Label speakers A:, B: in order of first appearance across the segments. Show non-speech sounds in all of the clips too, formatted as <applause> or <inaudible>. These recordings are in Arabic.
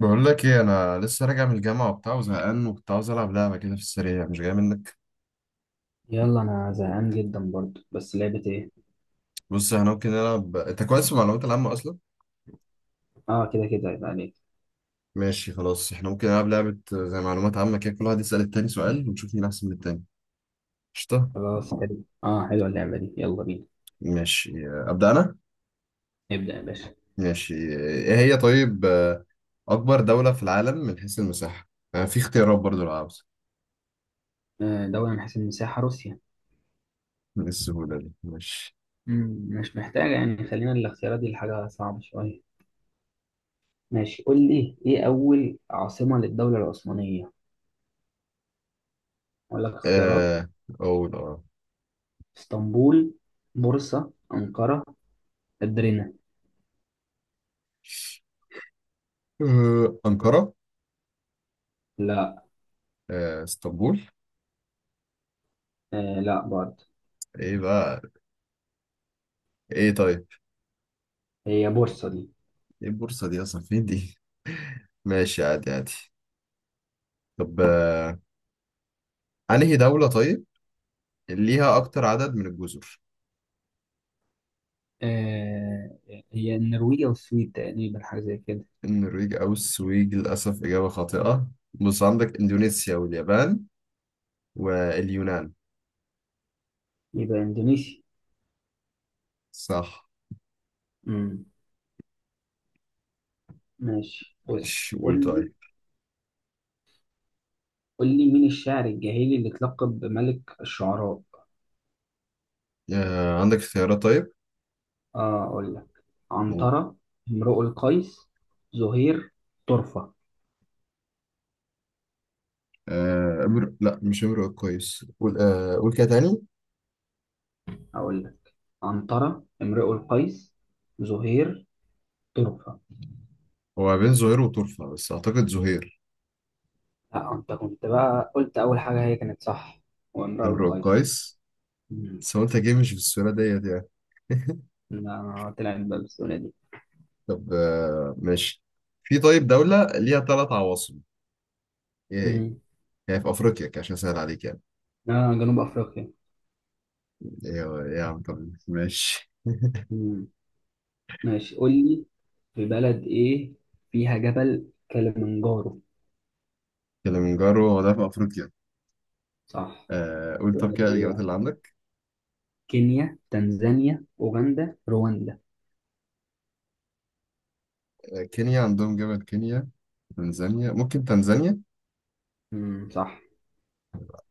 A: بقول لك ايه، انا لسه راجع من الجامعه وبتاع وزهقان، وكنت عاوز العب لعبه كده في السريع. مش جاي منك؟
B: يلا، انا زهقان جدا برضو، بس لعبة ايه؟
A: بص، احنا ممكن نلعب. انت كويس في المعلومات العامه اصلا.
B: اه، كده كده يبقى عليك.
A: ماشي خلاص، احنا ممكن نلعب لعبه زي معلومات عامه كده، كل واحد يسال التاني سؤال ونشوف مين احسن من التاني. قشطه.
B: خلاص حلو، اه حلوة اللعبة دي، يلا بينا.
A: ماشي ابدا انا.
B: نبدأ يا باشا.
A: ماشي، ايه هي طيب؟ اكبر دوله في العالم من حيث المساحه. آه، في اختيارات برضو لو عاوز.
B: دولة من حيث المساحة، روسيا.
A: من السهوله دي؟ ماشي.
B: مش محتاجة، يعني خلينا الاختيارات دي لحاجة صعبة شوية. ماشي، قول لي ايه أول عاصمة للدولة العثمانية؟ اقول لك اختيارات.
A: آه، اقول اه.
B: اسطنبول، بورصة، أنقرة، أدرينا.
A: انقره.
B: لا.
A: اسطنبول.
B: آه، لا برضه.
A: ايه بقى؟ ايه طيب؟
B: هي بورصة دي.
A: ايه البورصة دي اصلا؟ فين دي؟ <laughs> ماشي، عادي عادي. طب انهي دولة طيب اللي ليها اكتر عدد من الجزر؟
B: آه هي النرويج والسويد تقريبا، حاجة زي كده.
A: النرويج او السويد؟ للاسف اجابة خاطئة. بص، عندك اندونيسيا واليابان واليونان.
B: يبقى إندونيسيا.
A: صح.
B: مم. ماشي،
A: ماشي
B: بص قول
A: قول
B: لي.
A: طيب.
B: قول لي مين الشاعر الجاهلي اللي اتلقب بملك الشعراء؟
A: عندك اختيارات طيب؟
B: اه، اقول لك.
A: قول.
B: عنترة، امرؤ القيس، زهير، طرفة.
A: آه، امر لا مش امرؤ القيس. قول قول كده تاني.
B: اقول لك عنترة، امرؤ القيس، زهير، طرفة.
A: هو بين زهير وطرفة، بس اعتقد زهير.
B: لا، انت كنت بقى قلت اول حاجة، هي كانت صح. وامرؤ
A: امرؤ
B: القيس.
A: القيس.
B: مم.
A: بس هو انت جاي مش في السورة ديت يعني. <laughs>
B: لا، طلعت بقى بالسهولة دي.
A: طب ماشي. في طيب دولة ليها ثلاث عواصم. ايه هي؟
B: مم.
A: هي في افريقيا كده، عشان اسهل عليك يعني.
B: لا، جنوب افريقيا.
A: ايه يا عم؟ طب ماشي.
B: مم. ماشي، قول لي في بلد ايه فيها جبل كليمنجارو؟
A: كليمنجارو هو ده في افريقيا.
B: صح.
A: آه قول، طب كده
B: بلاد إيه
A: الاجابات
B: يعني؟
A: اللي عندك.
B: كينيا، تنزانيا، أوغندا، رواندا.
A: آه، كينيا عندهم جبل كينيا. تنزانيا، ممكن تنزانيا.
B: صح.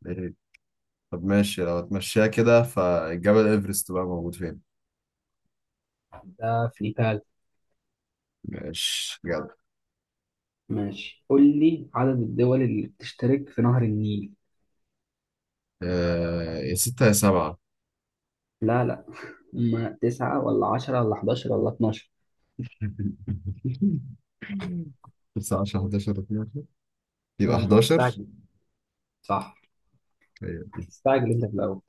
A: إيه. طب ماشي. لو اتمشيها كده، فالجبل ايفرست بقى موجود فين؟
B: ده في نيبال.
A: ماشي جدع.
B: ماشي، قول لي عدد الدول اللي بتشترك في نهر النيل؟
A: آه، يا ستة يا سبعة.
B: لا، لا، <laughs> هما تسعة ولا عشرة ولا حداشر ولا اتناشر؟
A: <laughs> تسعة، 10، 11، 12. يبقى 11.
B: استعجل. صح. استعجل انت في الأول.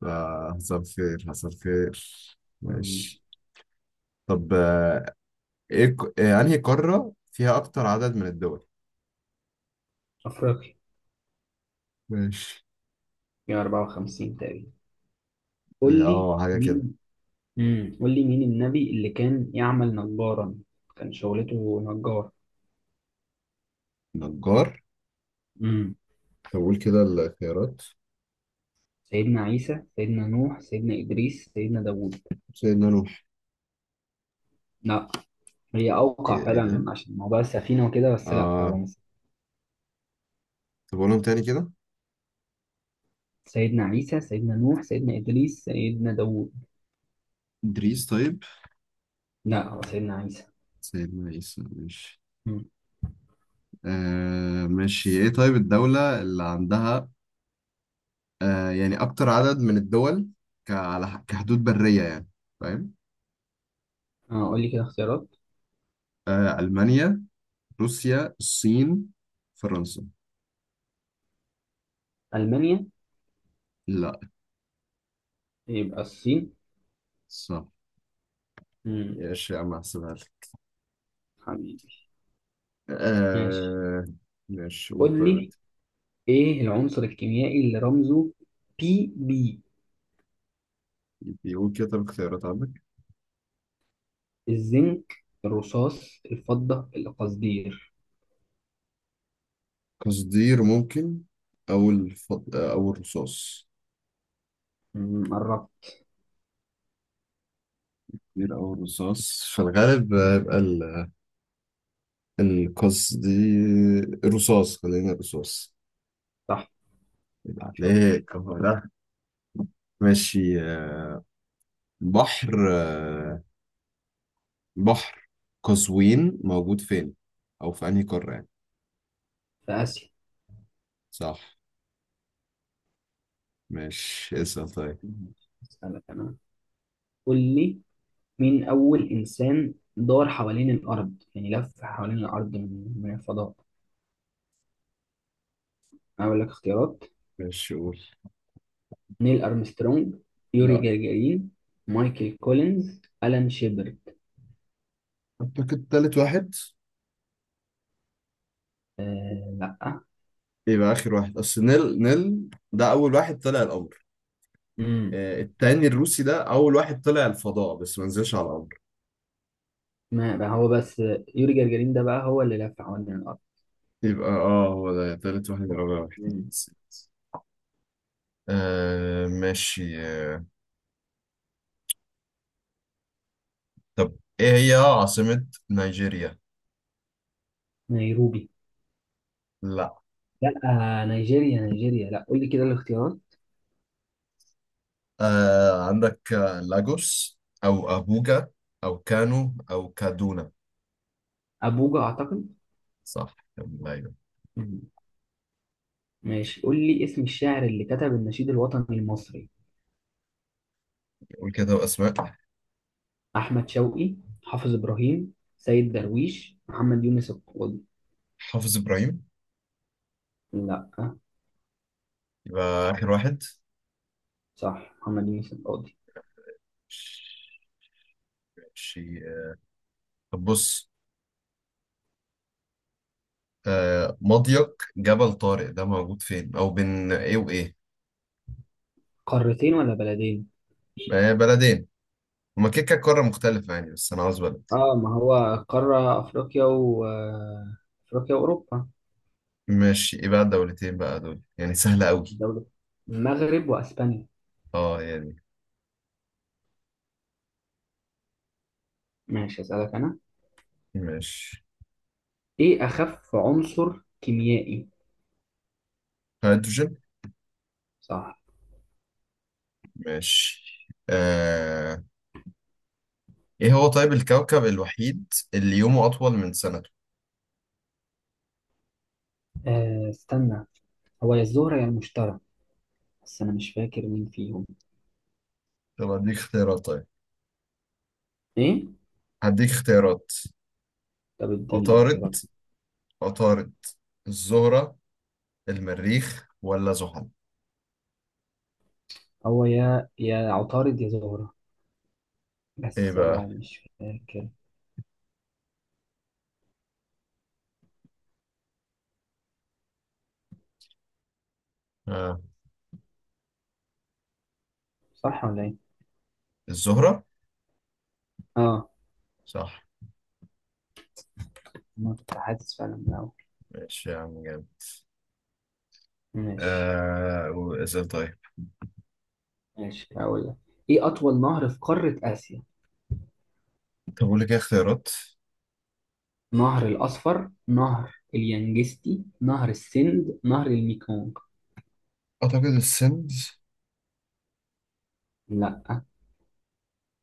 A: فحصل خير حصل خير.
B: مم.
A: ماشي. طب آه، انهي قارة فيها اكتر عدد من الدول؟
B: أفريقيا.
A: ماشي.
B: يا 54 تقريبا. قول
A: اه
B: لي
A: حاجة كده.
B: مين. قول لي مين النبي اللي كان يعمل نجارا؟ كان شغلته نجار.
A: نجار.
B: امم
A: طب قول كده الخيارات.
B: سيدنا عيسى، سيدنا نوح، سيدنا إدريس، سيدنا داوود.
A: سيدنا نوح.
B: لا. هي أوقع
A: ايه؟ إيه
B: فعلا
A: ده؟
B: عشان موضوع السفينة وكده، بس لأ، هو
A: اه.
B: مش.
A: طب قولهم تاني كده.
B: سيدنا عيسى، سيدنا نوح، سيدنا إدريس، سيدنا داوود.
A: إدريس طيب.
B: لأ، هو سيدنا عيسى.
A: سيدنا عيسى، ماشي.
B: مم.
A: آه ماشي. ايه طيب الدولة اللي عندها آه يعني أكتر عدد من الدول، كحدود برية يعني، فاهم؟
B: اه، قول لي كده اختيارات.
A: آه، ألمانيا، روسيا، الصين، فرنسا.
B: ألمانيا.
A: لا.
B: يبقى الصين.
A: صح.
B: مم.
A: ماشي يا عم، هحسبها لك.
B: حبيبي. ماشي،
A: آه ماشي قول
B: قول
A: طيب
B: لي
A: انت.
B: إيه العنصر الكيميائي اللي رمزه بي بي؟
A: بيقول كده، طب اختيارات عندك.
B: الزنك، الرصاص، الفضة، القصدير.
A: قصدير ممكن. او الرصاص.
B: قربت.
A: قصدير او الرصاص. في الغالب هيبقى القصدير، الرصاص. خلينا الرصاص.
B: صح.
A: يبقى
B: شاطر.
A: عليك أهو ده. ماشي. بحر، بحر قزوين موجود فين؟ او في انهي قارة يعني؟
B: في آسيا.
A: صح. ماشي، اسأل طيب.
B: مم. أسألك أنا. قول لي مين أول إنسان دار حوالين الأرض، يعني لف حوالين الأرض من الفضاء؟ أقول لك اختيارات.
A: ماشي قول.
B: نيل أرمسترونج. يوري
A: لا.
B: جagarin. مايكل كولينز، ألان شيبرد.
A: اعتقد تالت واحد.
B: آه، لأ.
A: يبقى اخر واحد، اصل نيل، ده اول واحد طلع القمر.
B: امم
A: التاني الروسي ده اول واحد طلع الفضاء، بس ما نزلش على القمر.
B: ما بقى هو بس. يوري جagarin ده بقى هو اللي لف حوالين الأرض.
A: يبقى اه هو ده تالت واحد، يبقى أول واحد.
B: امم.
A: آه ماشي آه. طب ايه هي عاصمة نيجيريا؟
B: نيروبي.
A: لا.
B: لأ. نيجيريا نيجيريا، لأ، قول لي كده الاختيارات.
A: آه، عندك لاجوس او ابوجا او كانو او كادونا.
B: أبوجا أعتقد.
A: صح يلا، ايوه.
B: مم. ماشي، قول لي اسم الشاعر اللي كتب النشيد الوطني المصري؟
A: قول كده اسماء.
B: احمد شوقي، حافظ ابراهيم، سيد درويش، محمد يونس القاضي.
A: حافظ ابراهيم.
B: لا.
A: يبقى آخر واحد.
B: صح، محمد يونس القاضي.
A: ماشي. طب بص، آه، مضيق جبل طارق ده موجود فين، أو بين إيه وإيه؟
B: قارتين ولا بلدين؟
A: آه، بلدين. هما كده كده قارة مختلفة يعني، بس أنا عاوز بلد.
B: اه، ما هو. قارة افريقيا، و آه، افريقيا واوروبا.
A: ماشي، إيه بقى الدولتين بقى دول؟ يعني سهلة أوي.
B: الدولة، المغرب واسبانيا.
A: أه يعني.
B: ماشي، اسالك انا.
A: ماشي.
B: ايه اخف عنصر كيميائي؟
A: هيدروجين.
B: صح.
A: ماشي. آه، إيه هو طيب الكوكب الوحيد اللي يومه أطول من سنته؟
B: استنى. هو يا الزهرة يا المشتري. بس انا مش فاكر مين فيهم.
A: طب هديك اختيارات طيب.
B: ايه؟
A: هديك اختيارات.
B: طب اديني
A: عطارد،
B: اختيارات.
A: عطارد, الزهرة، المريخ ولا زحل؟
B: هو يا عطارد يا زهرة.
A: ايه
B: بس انا
A: بقى؟
B: مش فاكر.
A: آه.
B: صح ولا ايه؟
A: الزهرة.
B: اه.
A: صح.
B: انا كنت حاسس فعلا من الاول.
A: ماشي يا عم، جامد.
B: ماشي.
A: آه وإزاي طيب؟
B: ماشي، هقول لك. ايه اطول نهر في قارة اسيا؟
A: طب أقول لك إيه اختيارات.
B: نهر الاصفر، نهر اليانجستي، نهر السند، نهر الميكونغ.
A: أعتقد السندز.
B: لا.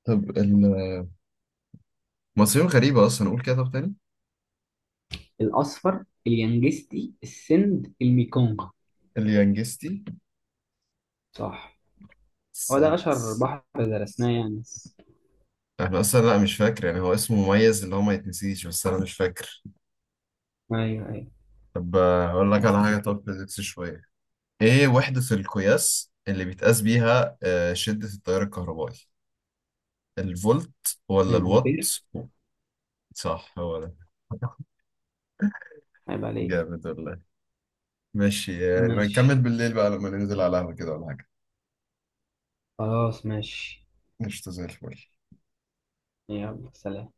A: طب المصريين غريبة أصلا، أقول كده طب تاني.
B: الاصفر، اليانجستي، السند، الميكونغ.
A: اليانجستي.
B: صح. هو ده اشهر
A: سيتس.
B: بحر درسناه يعني، بس.
A: أنا أصلا لا مش فاكر يعني، هو اسمه مميز اللي هو ما يتنسيش، بس أنا مش فاكر.
B: ايوه، ايوه.
A: طب أقول لك على حاجة. طب فيزيكس شوية. إيه وحدة القياس اللي بيتقاس بيها آه شدة التيار الكهربائي؟ الفولت ولا الوات؟
B: الامبير.
A: صح، هو ده.
B: عيب عليك.
A: جامد والله. ماشي، يعني
B: ماشي.
A: بنكمل بالليل بقى لما ننزل على القهوة كده ولا حاجة.
B: خلاص، ماشي.
A: قشطة زي الفل.
B: يلا، سلام.